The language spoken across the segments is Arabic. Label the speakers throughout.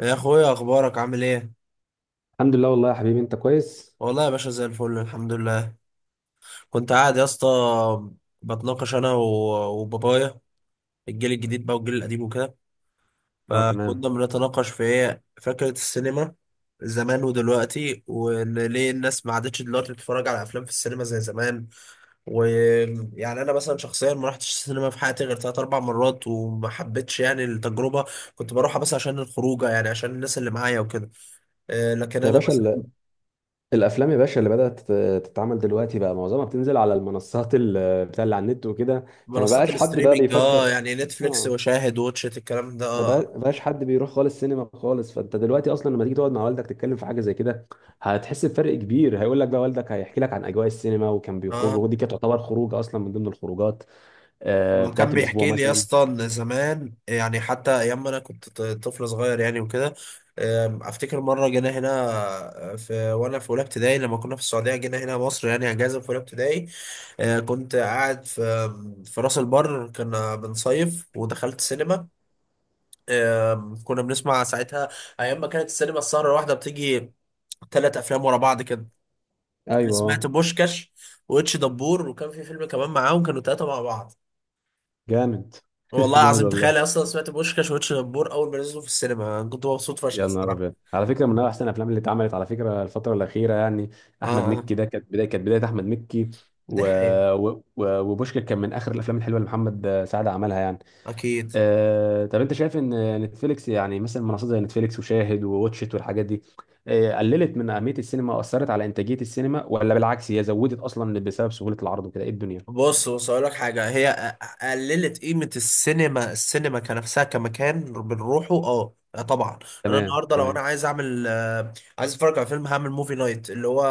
Speaker 1: يا اخويا، اخبارك عامل ايه؟
Speaker 2: الحمد لله، والله يا حبيبي، انت كويس.
Speaker 1: والله يا باشا، زي الفل الحمد لله. كنت قاعد يا اسطى، بتناقش انا وبابايا، الجيل الجديد بقى والجيل القديم وكده.
Speaker 2: اه، تمام.
Speaker 1: فكنا بنتناقش في ايه؟ فكرة السينما زمان ودلوقتي، وان ليه الناس ما عادتش دلوقتي بتتفرج على افلام في السينما زي زمان. ويعني انا مثلا شخصيا ما رحتش السينما في حياتي غير ثلاث اربع مرات، وما حبيتش يعني التجربة. كنت بروحها بس عشان الخروجه، يعني عشان الناس اللي معايا وكده. لكن
Speaker 2: يا
Speaker 1: انا
Speaker 2: باشا ال- الافلام يا باشا اللي بدات تتعمل دلوقتي بقى معظمها بتنزل على المنصات بتاع اللي على النت وكده. فما
Speaker 1: منصات
Speaker 2: بقاش حد بقى
Speaker 1: الستريمينج، اه
Speaker 2: بيفكر.
Speaker 1: يعني نتفليكس
Speaker 2: اه.
Speaker 1: وشاهد واتشت، الكلام ده
Speaker 2: ما
Speaker 1: اه.
Speaker 2: بقى- بقاش حد بيروح خالص سينما خالص، فانت دلوقتي اصلا لما تيجي تقعد مع والدك تتكلم في حاجه زي كده، هتحس بفرق كبير. هيقول لك بقى والدك، هيحكي لك عن اجواء السينما وكان
Speaker 1: اه،
Speaker 2: بيخرجوا، ودي كانت تعتبر خروجه اصلا من ضمن الخروجات
Speaker 1: وكان
Speaker 2: بتاعت الاسبوع
Speaker 1: بيحكي لي يا
Speaker 2: مثلا.
Speaker 1: اسطى ان زمان يعني حتى ايام ما انا كنت طفل صغير يعني وكده. افتكر مره جينا هنا، في وانا في اولى ابتدائي لما كنا في السعوديه جينا هنا مصر، يعني اجازه في اولى ابتدائي. كنت قاعد في في راس البر، كنا بنصيف ودخلت سينما. كنا بنسمع ساعتها ايام ما كانت السينما السهره الواحده بتيجي ثلاث افلام ورا بعض كده. انا سمعت
Speaker 2: ايوه.
Speaker 1: بوشكاش واتش دبور، وكان في فيلم كمان معاهم، كانوا ثلاثه مع بعض.
Speaker 2: جامد.
Speaker 1: والله
Speaker 2: جامد
Speaker 1: العظيم
Speaker 2: والله.
Speaker 1: تخيل، اصلا سمعت بوشكاش واتش دبور اول ما نزلوا في السينما أنا كنت مبسوط فشخ
Speaker 2: يا نهار ابيض،
Speaker 1: الصراحه.
Speaker 2: على فكره من احسن الافلام اللي اتعملت على فكره الفتره الاخيره يعني.
Speaker 1: اه
Speaker 2: احمد
Speaker 1: اه،
Speaker 2: مكي ده كانت بدايه احمد مكي.
Speaker 1: دي
Speaker 2: و...
Speaker 1: حقيقة
Speaker 2: وبوشكاش كان من اخر الافلام الحلوه اللي محمد سعد عملها يعني.
Speaker 1: اكيد.
Speaker 2: طب انت شايف ان نتفليكس، يعني مثلا منصات زي نتفليكس وشاهد وواتشت والحاجات دي، قللت من اهميه السينما واثرت على انتاجيه السينما، ولا بالعكس هي زودت اصلا بسبب سهوله العرض وكده، ايه الدنيا؟
Speaker 1: بص اقول لك حاجه، هي قللت قيمه السينما، السينما كنفسها كمكان بنروحه، اه آه طبعا. انا
Speaker 2: تمام،
Speaker 1: النهارده لو انا
Speaker 2: تمام.
Speaker 1: عايز اعمل عايز اتفرج على فيلم هعمل موفي نايت، اللي هو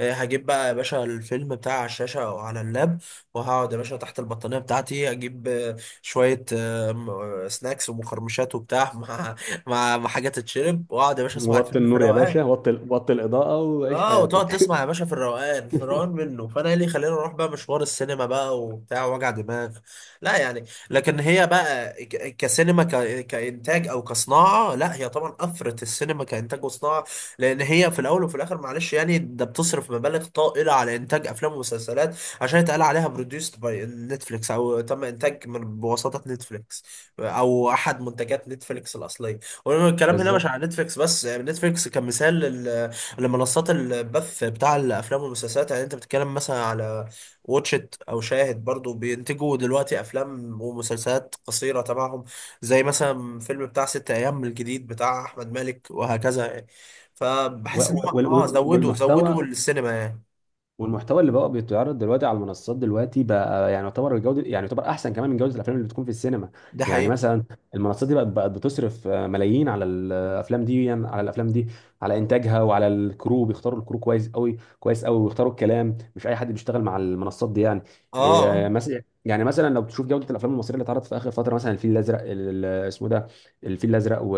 Speaker 1: هجيب بقى يا باشا الفيلم بتاع على الشاشه او على اللاب، وهقعد يا باشا تحت البطانيه بتاعتي، اجيب شويه سناكس ومقرمشات وبتاع، مع حاجات تتشرب، واقعد يا باشا اسمع
Speaker 2: وطي
Speaker 1: الفيلم في
Speaker 2: النور يا
Speaker 1: الروقان.
Speaker 2: باشا، وطي وطي الاضاءه، وعيش
Speaker 1: اه، وتقعد
Speaker 2: حياتك.
Speaker 1: تسمع يا باشا في الروقان، في الروقان منه. فانا ايه اللي يخليني اروح بقى مشوار السينما بقى وبتاع وجع دماغ؟ لا يعني. لكن هي بقى كسينما كانتاج او كصناعه، لا هي طبعا افرت السينما كانتاج وصناعه، لان هي في الاول وفي الاخر معلش يعني ده بتصرف مبالغ طائله على انتاج افلام ومسلسلات عشان يتقال عليها بروديوست باي نتفليكس، او تم انتاج من بواسطه نتفليكس، او احد منتجات نتفليكس الاصليه. والكلام هنا مش
Speaker 2: بالظبط.
Speaker 1: على نتفليكس بس، يعني نتفليكس كمثال لمنصات البث بتاع الافلام والمسلسلات. يعني انت بتتكلم مثلا على واتشت او شاهد، برضو بينتجوا دلوقتي افلام ومسلسلات قصيره تبعهم، زي مثلا فيلم بتاع ست ايام الجديد بتاع احمد مالك وهكذا يعني. فبحس ان هم اه زودوا
Speaker 2: والمحتوى
Speaker 1: السينما يعني.
Speaker 2: والمحتوى اللي بقى بيتعرض دلوقتي على المنصات دلوقتي بقى، يعني يعتبر الجوده، يعني يعتبر احسن كمان من جوده الافلام اللي بتكون في السينما.
Speaker 1: ده
Speaker 2: يعني
Speaker 1: حقيقي.
Speaker 2: مثلا، المنصات دي بقت بتصرف ملايين على الافلام دي، يعني على الافلام دي، على انتاجها وعلى الكرو، بيختاروا الكرو كويس قوي كويس قوي، ويختاروا الكلام، مش اي حد بيشتغل مع المنصات دي يعني.
Speaker 1: اه آه.
Speaker 2: مثلا يعني مثلا لو بتشوف جوده الافلام المصريه اللي اتعرضت في اخر فتره، مثلا الفيل الازرق اسمه ده، الفيل الازرق، و...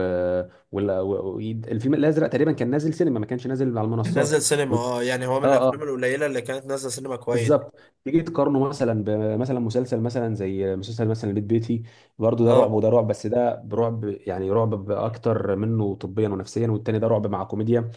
Speaker 2: وال- و... و... الفيلم الازرق تقريبا كان نازل سينما، ما كانش نازل على المنصات.
Speaker 1: نزل
Speaker 2: و...
Speaker 1: سينما، اه يعني هو من
Speaker 2: اه، آه.
Speaker 1: الافلام القليله اللي كانت نازله سينما كويس.
Speaker 2: بالظبط. تيجي تقارنه مثلا بمثلا مسلسل مثلا زي مسلسل مثلا بيت بيتي، برضه ده رعب
Speaker 1: اه
Speaker 2: وده رعب، بس ده برعب يعني رعب اكتر منه طبيا ونفسيا، والتاني ده رعب مع كوميديا.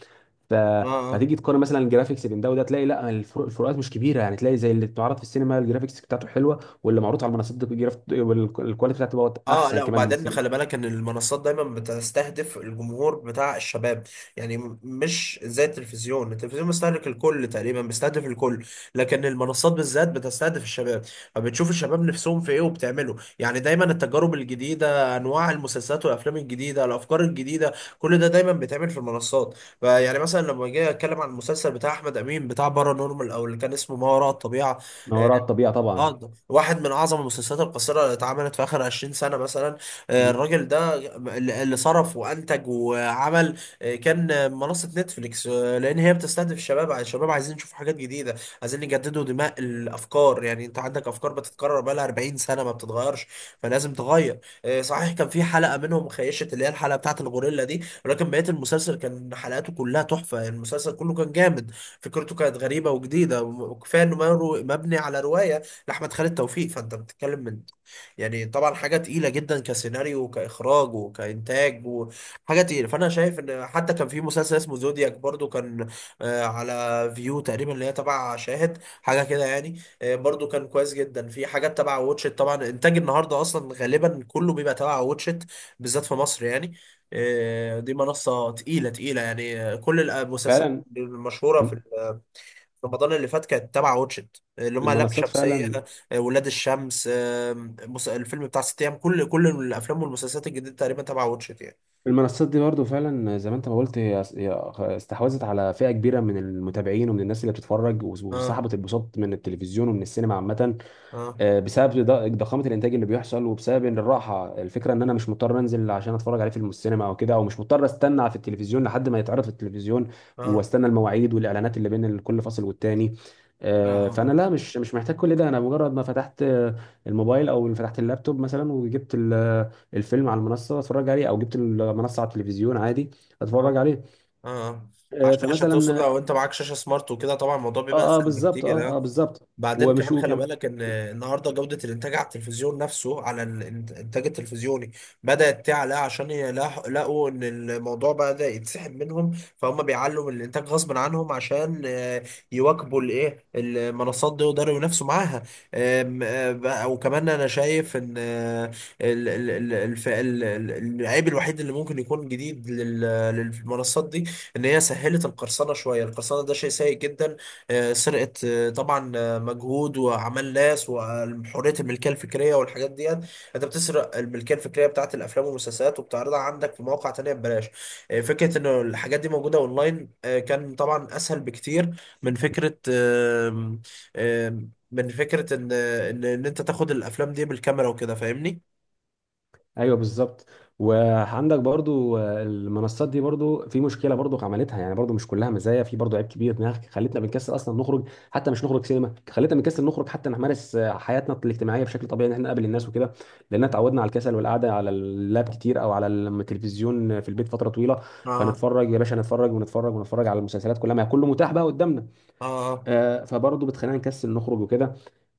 Speaker 2: ف...
Speaker 1: اه اه
Speaker 2: فتيجي تقارن مثلا الجرافيكس بين ده وده، تلاقي لا، الفروق الفروقات مش كبيره يعني، تلاقي زي اللي بتعرض في السينما الجرافيكس بتاعته حلوه، واللي معروض على المنصات دي والكواليتي بتاعته بقت
Speaker 1: اه.
Speaker 2: احسن
Speaker 1: لا
Speaker 2: كمان من
Speaker 1: وبعدين
Speaker 2: السينما.
Speaker 1: خلي بالك ان المنصات دايما بتستهدف الجمهور بتاع الشباب، يعني مش زي التلفزيون، التلفزيون بيستهلك الكل تقريبا، بيستهدف الكل. لكن المنصات بالذات بتستهدف الشباب، فبتشوف الشباب نفسهم في ايه وبتعمله، يعني دايما التجارب الجديده، انواع المسلسلات والافلام الجديده، الافكار الجديده، كل ده دايما بيتعمل في المنصات. فيعني مثلا لما جاي اتكلم عن المسلسل بتاع احمد امين بتاع بارانورمال، او اللي كان اسمه ما وراء الطبيعه،
Speaker 2: ما وراء الطبيعه
Speaker 1: اه
Speaker 2: طبعا.
Speaker 1: ده واحد من اعظم المسلسلات القصيره اللي اتعملت في اخر 20 سنه مثلا. الراجل ده اللي صرف وانتج وعمل، كان منصه نتفليكس، لان هي بتستهدف الشباب، الشباب عايزين يشوفوا حاجات جديده، عايزين يجددوا دماء الافكار. يعني انت عندك افكار بتتكرر بقالها 40 سنه ما بتتغيرش، فلازم تغير. صحيح كان في حلقه منهم خيشت، اللي هي الحلقه بتاعت الغوريلا دي، ولكن بقيه المسلسل كان حلقاته كلها تحفه، المسلسل كله كان جامد. فكرته كانت غريبه وجديده، وكفايه انه مبني على روايه لاحمد خالد توفيق. فانت بتتكلم من، يعني طبعا حاجه تقيله جدا كسيناريو وكاخراج وكانتاج، وحاجه تقيله. فانا شايف ان حتى كان في مسلسل اسمه زودياك برضو كان على فيو تقريبا، اللي هي تبع شاهد حاجه كده يعني. برضو كان كويس جدا. في حاجات تبع واتشت طبعا، انتاج النهارده اصلا غالبا كله بيبقى تبع واتشت، بالذات في مصر يعني. دي منصه تقيله تقيله يعني. كل المسلسلات
Speaker 2: فعلا.
Speaker 1: المشهوره في رمضان اللي فات كانت تبع واتشت، اللي هم لام
Speaker 2: المنصات
Speaker 1: شمسية،
Speaker 2: فعلا.
Speaker 1: ولاد الشمس، الفيلم بتاع ست ايام، كل كل الافلام والمسلسلات الجديدة تقريبا تبع واتشت يعني.
Speaker 2: المنصات دي برضو فعلا زي ما انت ما قلت، هي استحوذت على فئة كبيرة من المتابعين ومن الناس اللي بتتفرج،
Speaker 1: اه
Speaker 2: وسحبت البساط من التلفزيون ومن السينما عامة.
Speaker 1: اه
Speaker 2: بسبب ضخامه الانتاج اللي بيحصل، وبسبب ان الراحه الفكره ان انا مش مضطر انزل عشان اتفرج عليه في السينما او كده، او مش مضطر استنى في التلفزيون لحد ما يتعرض في التلفزيون،
Speaker 1: اه
Speaker 2: واستنى المواعيد والاعلانات اللي بين كل فاصل والتاني. فانا
Speaker 1: آه.
Speaker 2: لا، مش محتاج كل ده. انا مجرد ما فتحت الموبايل او فتحت اللابتوب مثلا، وجبت الفيلم على المنصه اتفرج عليه، او جبت المنصه على التلفزيون عادي
Speaker 1: اه
Speaker 2: اتفرج عليه.
Speaker 1: اه، عشان عشان توصل،
Speaker 2: فمثلا
Speaker 1: لو انت معاك شاشة سمارت وكده طبعا الموضوع بيبقى
Speaker 2: اه، اه،
Speaker 1: اسهل
Speaker 2: بالظبط.
Speaker 1: بكتير
Speaker 2: اه، اه،
Speaker 1: آه.
Speaker 2: بالظبط.
Speaker 1: بعدين
Speaker 2: ومش
Speaker 1: كمان خلي
Speaker 2: وكم-
Speaker 1: بالك ان النهارده جوده الانتاج على التلفزيون نفسه، على الانتاج التلفزيوني، بدات تعلى عشان لقوا ان الموضوع بدا يتسحب منهم، فهم بيعلوا من الانتاج غصب عنهم عشان يواكبوا الايه المنصات دي ويقدروا ينافسوا معاها. وكمان انا شايف ان ال- ال- ال- الف- ال- ال- العيب الوحيد اللي ممكن يكون جديد للمنصات دي، ان هي سهلت القرصنه شويه. القرصنه ده شيء سيء جدا، سرقة طبعا مجهود وعمل ناس وحريه الملكيه الفكريه والحاجات دي، انت بتسرق الملكيه الفكريه بتاعت الافلام والمسلسلات وبتعرضها عندك في مواقع تانية ببلاش. فكره ان الحاجات دي موجوده اونلاين كان طبعا اسهل بكتير من فكره، آم، آم، من فكره ان إن انت تاخد الافلام دي بالكاميرا وكده، فاهمني.
Speaker 2: ايوه، بالظبط. وعندك برضو المنصات دي برضو في مشكله، برضو عملتها يعني، برضو مش كلها مزايا، في برضو عيب كبير انها خلتنا بنكسل اصلا نخرج، حتى مش نخرج سينما، خلتنا بنكسل نخرج حتى نمارس حياتنا الاجتماعيه بشكل طبيعي، ان احنا نقابل الناس
Speaker 1: مم.
Speaker 2: وكده. لان اتعودنا على الكسل والقعده على اللاب كتير او على التلفزيون في البيت فتره طويله،
Speaker 1: اه
Speaker 2: فنتفرج يا باشا، نتفرج ونتفرج ونتفرج على المسلسلات كلها، ما هي كله متاح بقى قدامنا.
Speaker 1: اه،
Speaker 2: فبرضه بتخلينا نكسل نخرج وكده.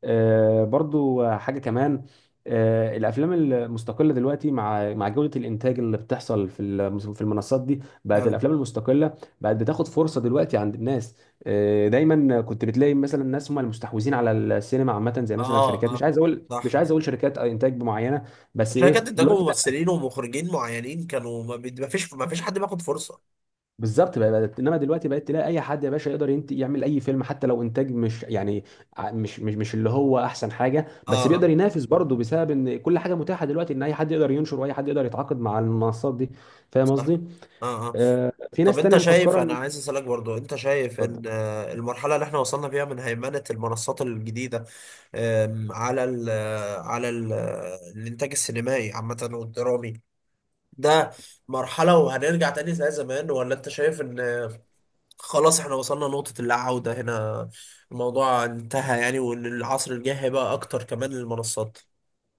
Speaker 2: برضه حاجه كمان. الافلام المستقله دلوقتي مع جوده الانتاج اللي بتحصل في المنصات دي، بقت
Speaker 1: يعني
Speaker 2: الافلام المستقله بقت بتاخد فرصه دلوقتي عند الناس. دايما كنت بتلاقي مثلا الناس هم المستحوذين على السينما عامه، زي مثلا
Speaker 1: اه
Speaker 2: شركات، مش
Speaker 1: اه،
Speaker 2: عايز اقول مش
Speaker 1: صح.
Speaker 2: عايز اقول شركات انتاج معينه. بس
Speaker 1: عشان كده
Speaker 2: ايه
Speaker 1: انتجوا
Speaker 2: دلوقتي،
Speaker 1: ممثلين ومخرجين معينين كانوا، ما فيش حد بياخد فرصه.
Speaker 2: بالظبط. انما دلوقتي بقت تلاقي اي حد يا باشا يقدر يعمل اي فيلم، حتى لو انتاج مش يعني مش اللي هو احسن حاجه،
Speaker 1: اه
Speaker 2: بس بيقدر
Speaker 1: آه.
Speaker 2: ينافس برضه، بسبب ان كل حاجه متاحه دلوقتي، ان اي حد يقدر ينشر، واي حد يقدر يتعاقد مع المنصات دي. فاهم
Speaker 1: صح
Speaker 2: قصدي؟
Speaker 1: اه اه.
Speaker 2: في
Speaker 1: طب
Speaker 2: ناس تانية
Speaker 1: انت شايف،
Speaker 2: مفكره
Speaker 1: انا
Speaker 2: ان
Speaker 1: عايز اسالك برضو، انت شايف ان
Speaker 2: اتفضل.
Speaker 1: المرحله اللي احنا وصلنا فيها من هيمنه المنصات الجديده، على ال آه، على ال آه، الانتاج السينمائي عامه والدرامي ده، مرحله وهنرجع تاني زي زمان؟ ولا انت شايف ان خلاص احنا وصلنا نقطه اللا عوده هنا، الموضوع انتهى يعني، وان العصر الجاي هيبقى اكتر كمان للمنصات؟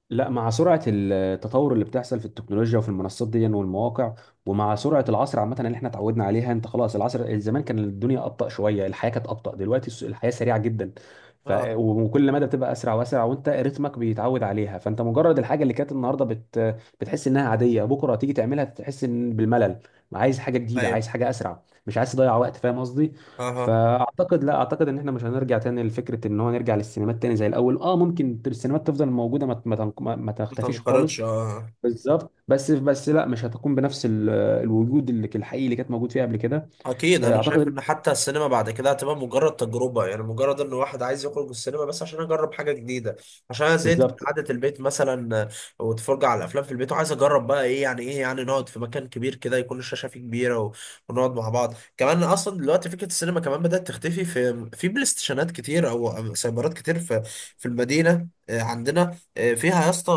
Speaker 2: لا، مع سرعة التطور اللي بتحصل في التكنولوجيا وفي المنصات دي والمواقع، ومع سرعة العصر عامة اللي احنا اتعودنا عليها، انت خلاص العصر زمان كان الدنيا أبطأ شوية، الحياة كانت أبطأ، دلوقتي الحياة سريعة جدا.
Speaker 1: اه
Speaker 2: وكل مدى بتبقى أسرع وأسرع، وانت رتمك بيتعود عليها، فانت مجرد الحاجة اللي كانت النهاردة بتحس انها عادية، بكرة تيجي تعملها تحس ان بالملل. عايز حاجة جديدة،
Speaker 1: ايوه
Speaker 2: عايز حاجة أسرع، مش عايز تضيع وقت، فاهم قصدي؟
Speaker 1: اها.
Speaker 2: فاعتقد لا اعتقد ان احنا مش هنرجع تاني لفكره ان هو نرجع للسينمات تاني زي الاول. اه، ممكن السينمات تفضل موجوده، ما ما تنق- ما- ما
Speaker 1: ما
Speaker 2: تختفيش خالص.
Speaker 1: تنقرضش اه.
Speaker 2: بالظبط. بس لا، مش هتكون بنفس الوجود اللي الحقيقي اللي كانت موجود فيه قبل كده.
Speaker 1: اكيد، انا شايف
Speaker 2: اعتقد.
Speaker 1: ان حتى السينما بعد كده هتبقى مجرد تجربه، يعني مجرد ان واحد عايز يخرج السينما بس عشان اجرب حاجه جديده، عشان انا زهقت من
Speaker 2: بالظبط.
Speaker 1: قعده البيت مثلا. واتفرج على الافلام في البيت، وعايز اجرب بقى ايه يعني، ايه يعني نقعد في مكان كبير كده يكون الشاشه فيه كبيره ونقعد مع بعض كمان. اصلا دلوقتي فكره السينما كمان بدات تختفي، في في بلاي ستيشنات كتير او أو سايبرات كتير. في في المدينه عندنا فيها يا اسطى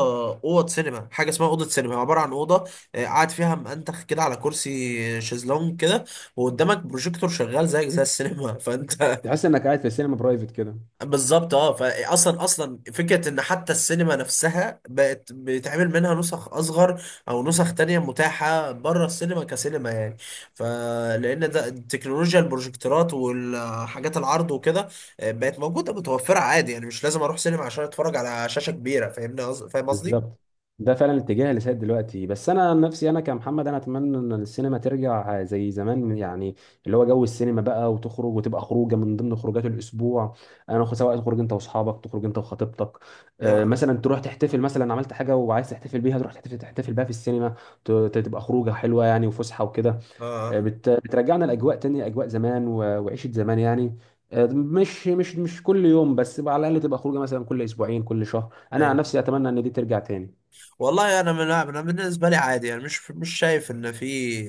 Speaker 1: اوض سينما، حاجه اسمها اوضه سينما، عباره عن اوضه قاعد فيها منتخ كده على كرسي شيزلونج كده، وقدامك بروجيكتور شغال زيك زي السينما فانت
Speaker 2: تحس انك قاعد في السينما برايفت كده.
Speaker 1: بالظبط اه. فاصلا اصلا فكره ان حتى السينما نفسها بقت بيتعمل منها نسخ اصغر، او نسخ تانية متاحه بره السينما كسينما يعني، فلان ده تكنولوجيا البروجيكتورات والحاجات العرض وكده بقت موجوده متوفره عادي، يعني مش لازم اروح سينما عشان اتفرج على شاشه كبيره. فاهمني فاهم قصدي؟
Speaker 2: بالظبط. ده فعلا الاتجاه اللي سائد دلوقتي، بس انا عن نفسي، انا كمحمد، انا اتمنى ان السينما ترجع زي زمان يعني، اللي هو جو السينما بقى، وتخرج وتبقى خروجه من ضمن خروجات الاسبوع. سواء تخرج انت واصحابك، تخرج انت وخطيبتك،
Speaker 1: يا اه
Speaker 2: مثلا تروح تحتفل، مثلا عملت حاجه وعايز تحتفل بيها، تروح تحتفل بيها في السينما، تبقى خروجه حلوه يعني، وفسحه وكده.
Speaker 1: آه.
Speaker 2: بترجعنا لاجواء تانية، اجواء زمان وعيشه زمان يعني. مش كل يوم، بس على الاقل تبقى خروجه مثلا كل اسبوعين كل شهر، انا عن
Speaker 1: ايوه.
Speaker 2: نفسي اتمنى ان دي ترجع تاني.
Speaker 1: والله انا من، انا بالنسبه لي عادي يعني، مش شايف ان في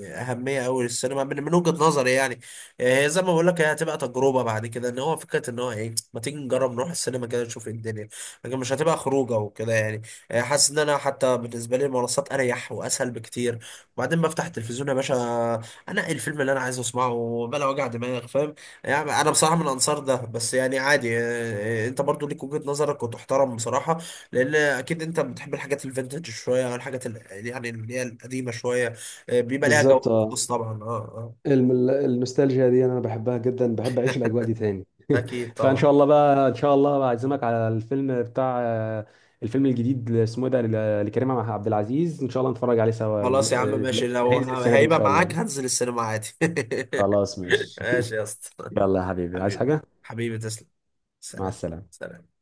Speaker 1: اهميه قوي للسينما من، من وجهه نظري يعني. هي زي ما بقول لك، هي هتبقى تجربه بعد كده، ان هو فكره ان هو ايه، ما تيجي نجرب نروح السينما كده نشوف إيه الدنيا، لكن مش هتبقى خروجه وكده يعني. حاسس ان انا حتى بالنسبه لي المنصات اريح واسهل بكتير، وبعدين بفتح التلفزيون يا باشا انقي الفيلم اللي انا عايز اسمعه بلا وجع دماغ، فاهم يعني. انا بصراحه من انصار ده، بس يعني عادي انت برضو ليك وجهه نظرك وتحترم بصراحه، لان اكيد انت بتحب الحاجات الفينتج شويه، او الحاجات يعني اللي هي القديمه شويه، بيبقى ليها جو
Speaker 2: بالظبط. اه.
Speaker 1: خاص طبعا. اه اه
Speaker 2: النوستالجيا دي انا بحبها جدا، بحب اعيش الاجواء دي تاني.
Speaker 1: اكيد
Speaker 2: فان
Speaker 1: طبعا.
Speaker 2: شاء الله بقى ان شاء الله، بعزمك على الفيلم بتاع الفيلم الجديد اللي اسمه إيه ده لكريم مع عبد العزيز، ان شاء الله نتفرج عليه سوا
Speaker 1: خلاص يا عم ماشي، لو
Speaker 2: هينزل السنه دي ان
Speaker 1: هيبقى
Speaker 2: شاء الله.
Speaker 1: معاك هنزل السينما عادي
Speaker 2: خلاص، ماشي.
Speaker 1: ماشي يا اسطى.
Speaker 2: يلا يا حبيبي، عايز
Speaker 1: حبيبي،
Speaker 2: حاجه؟
Speaker 1: حبيبي تسلم.
Speaker 2: مع
Speaker 1: سلام.
Speaker 2: السلامه.
Speaker 1: سلام.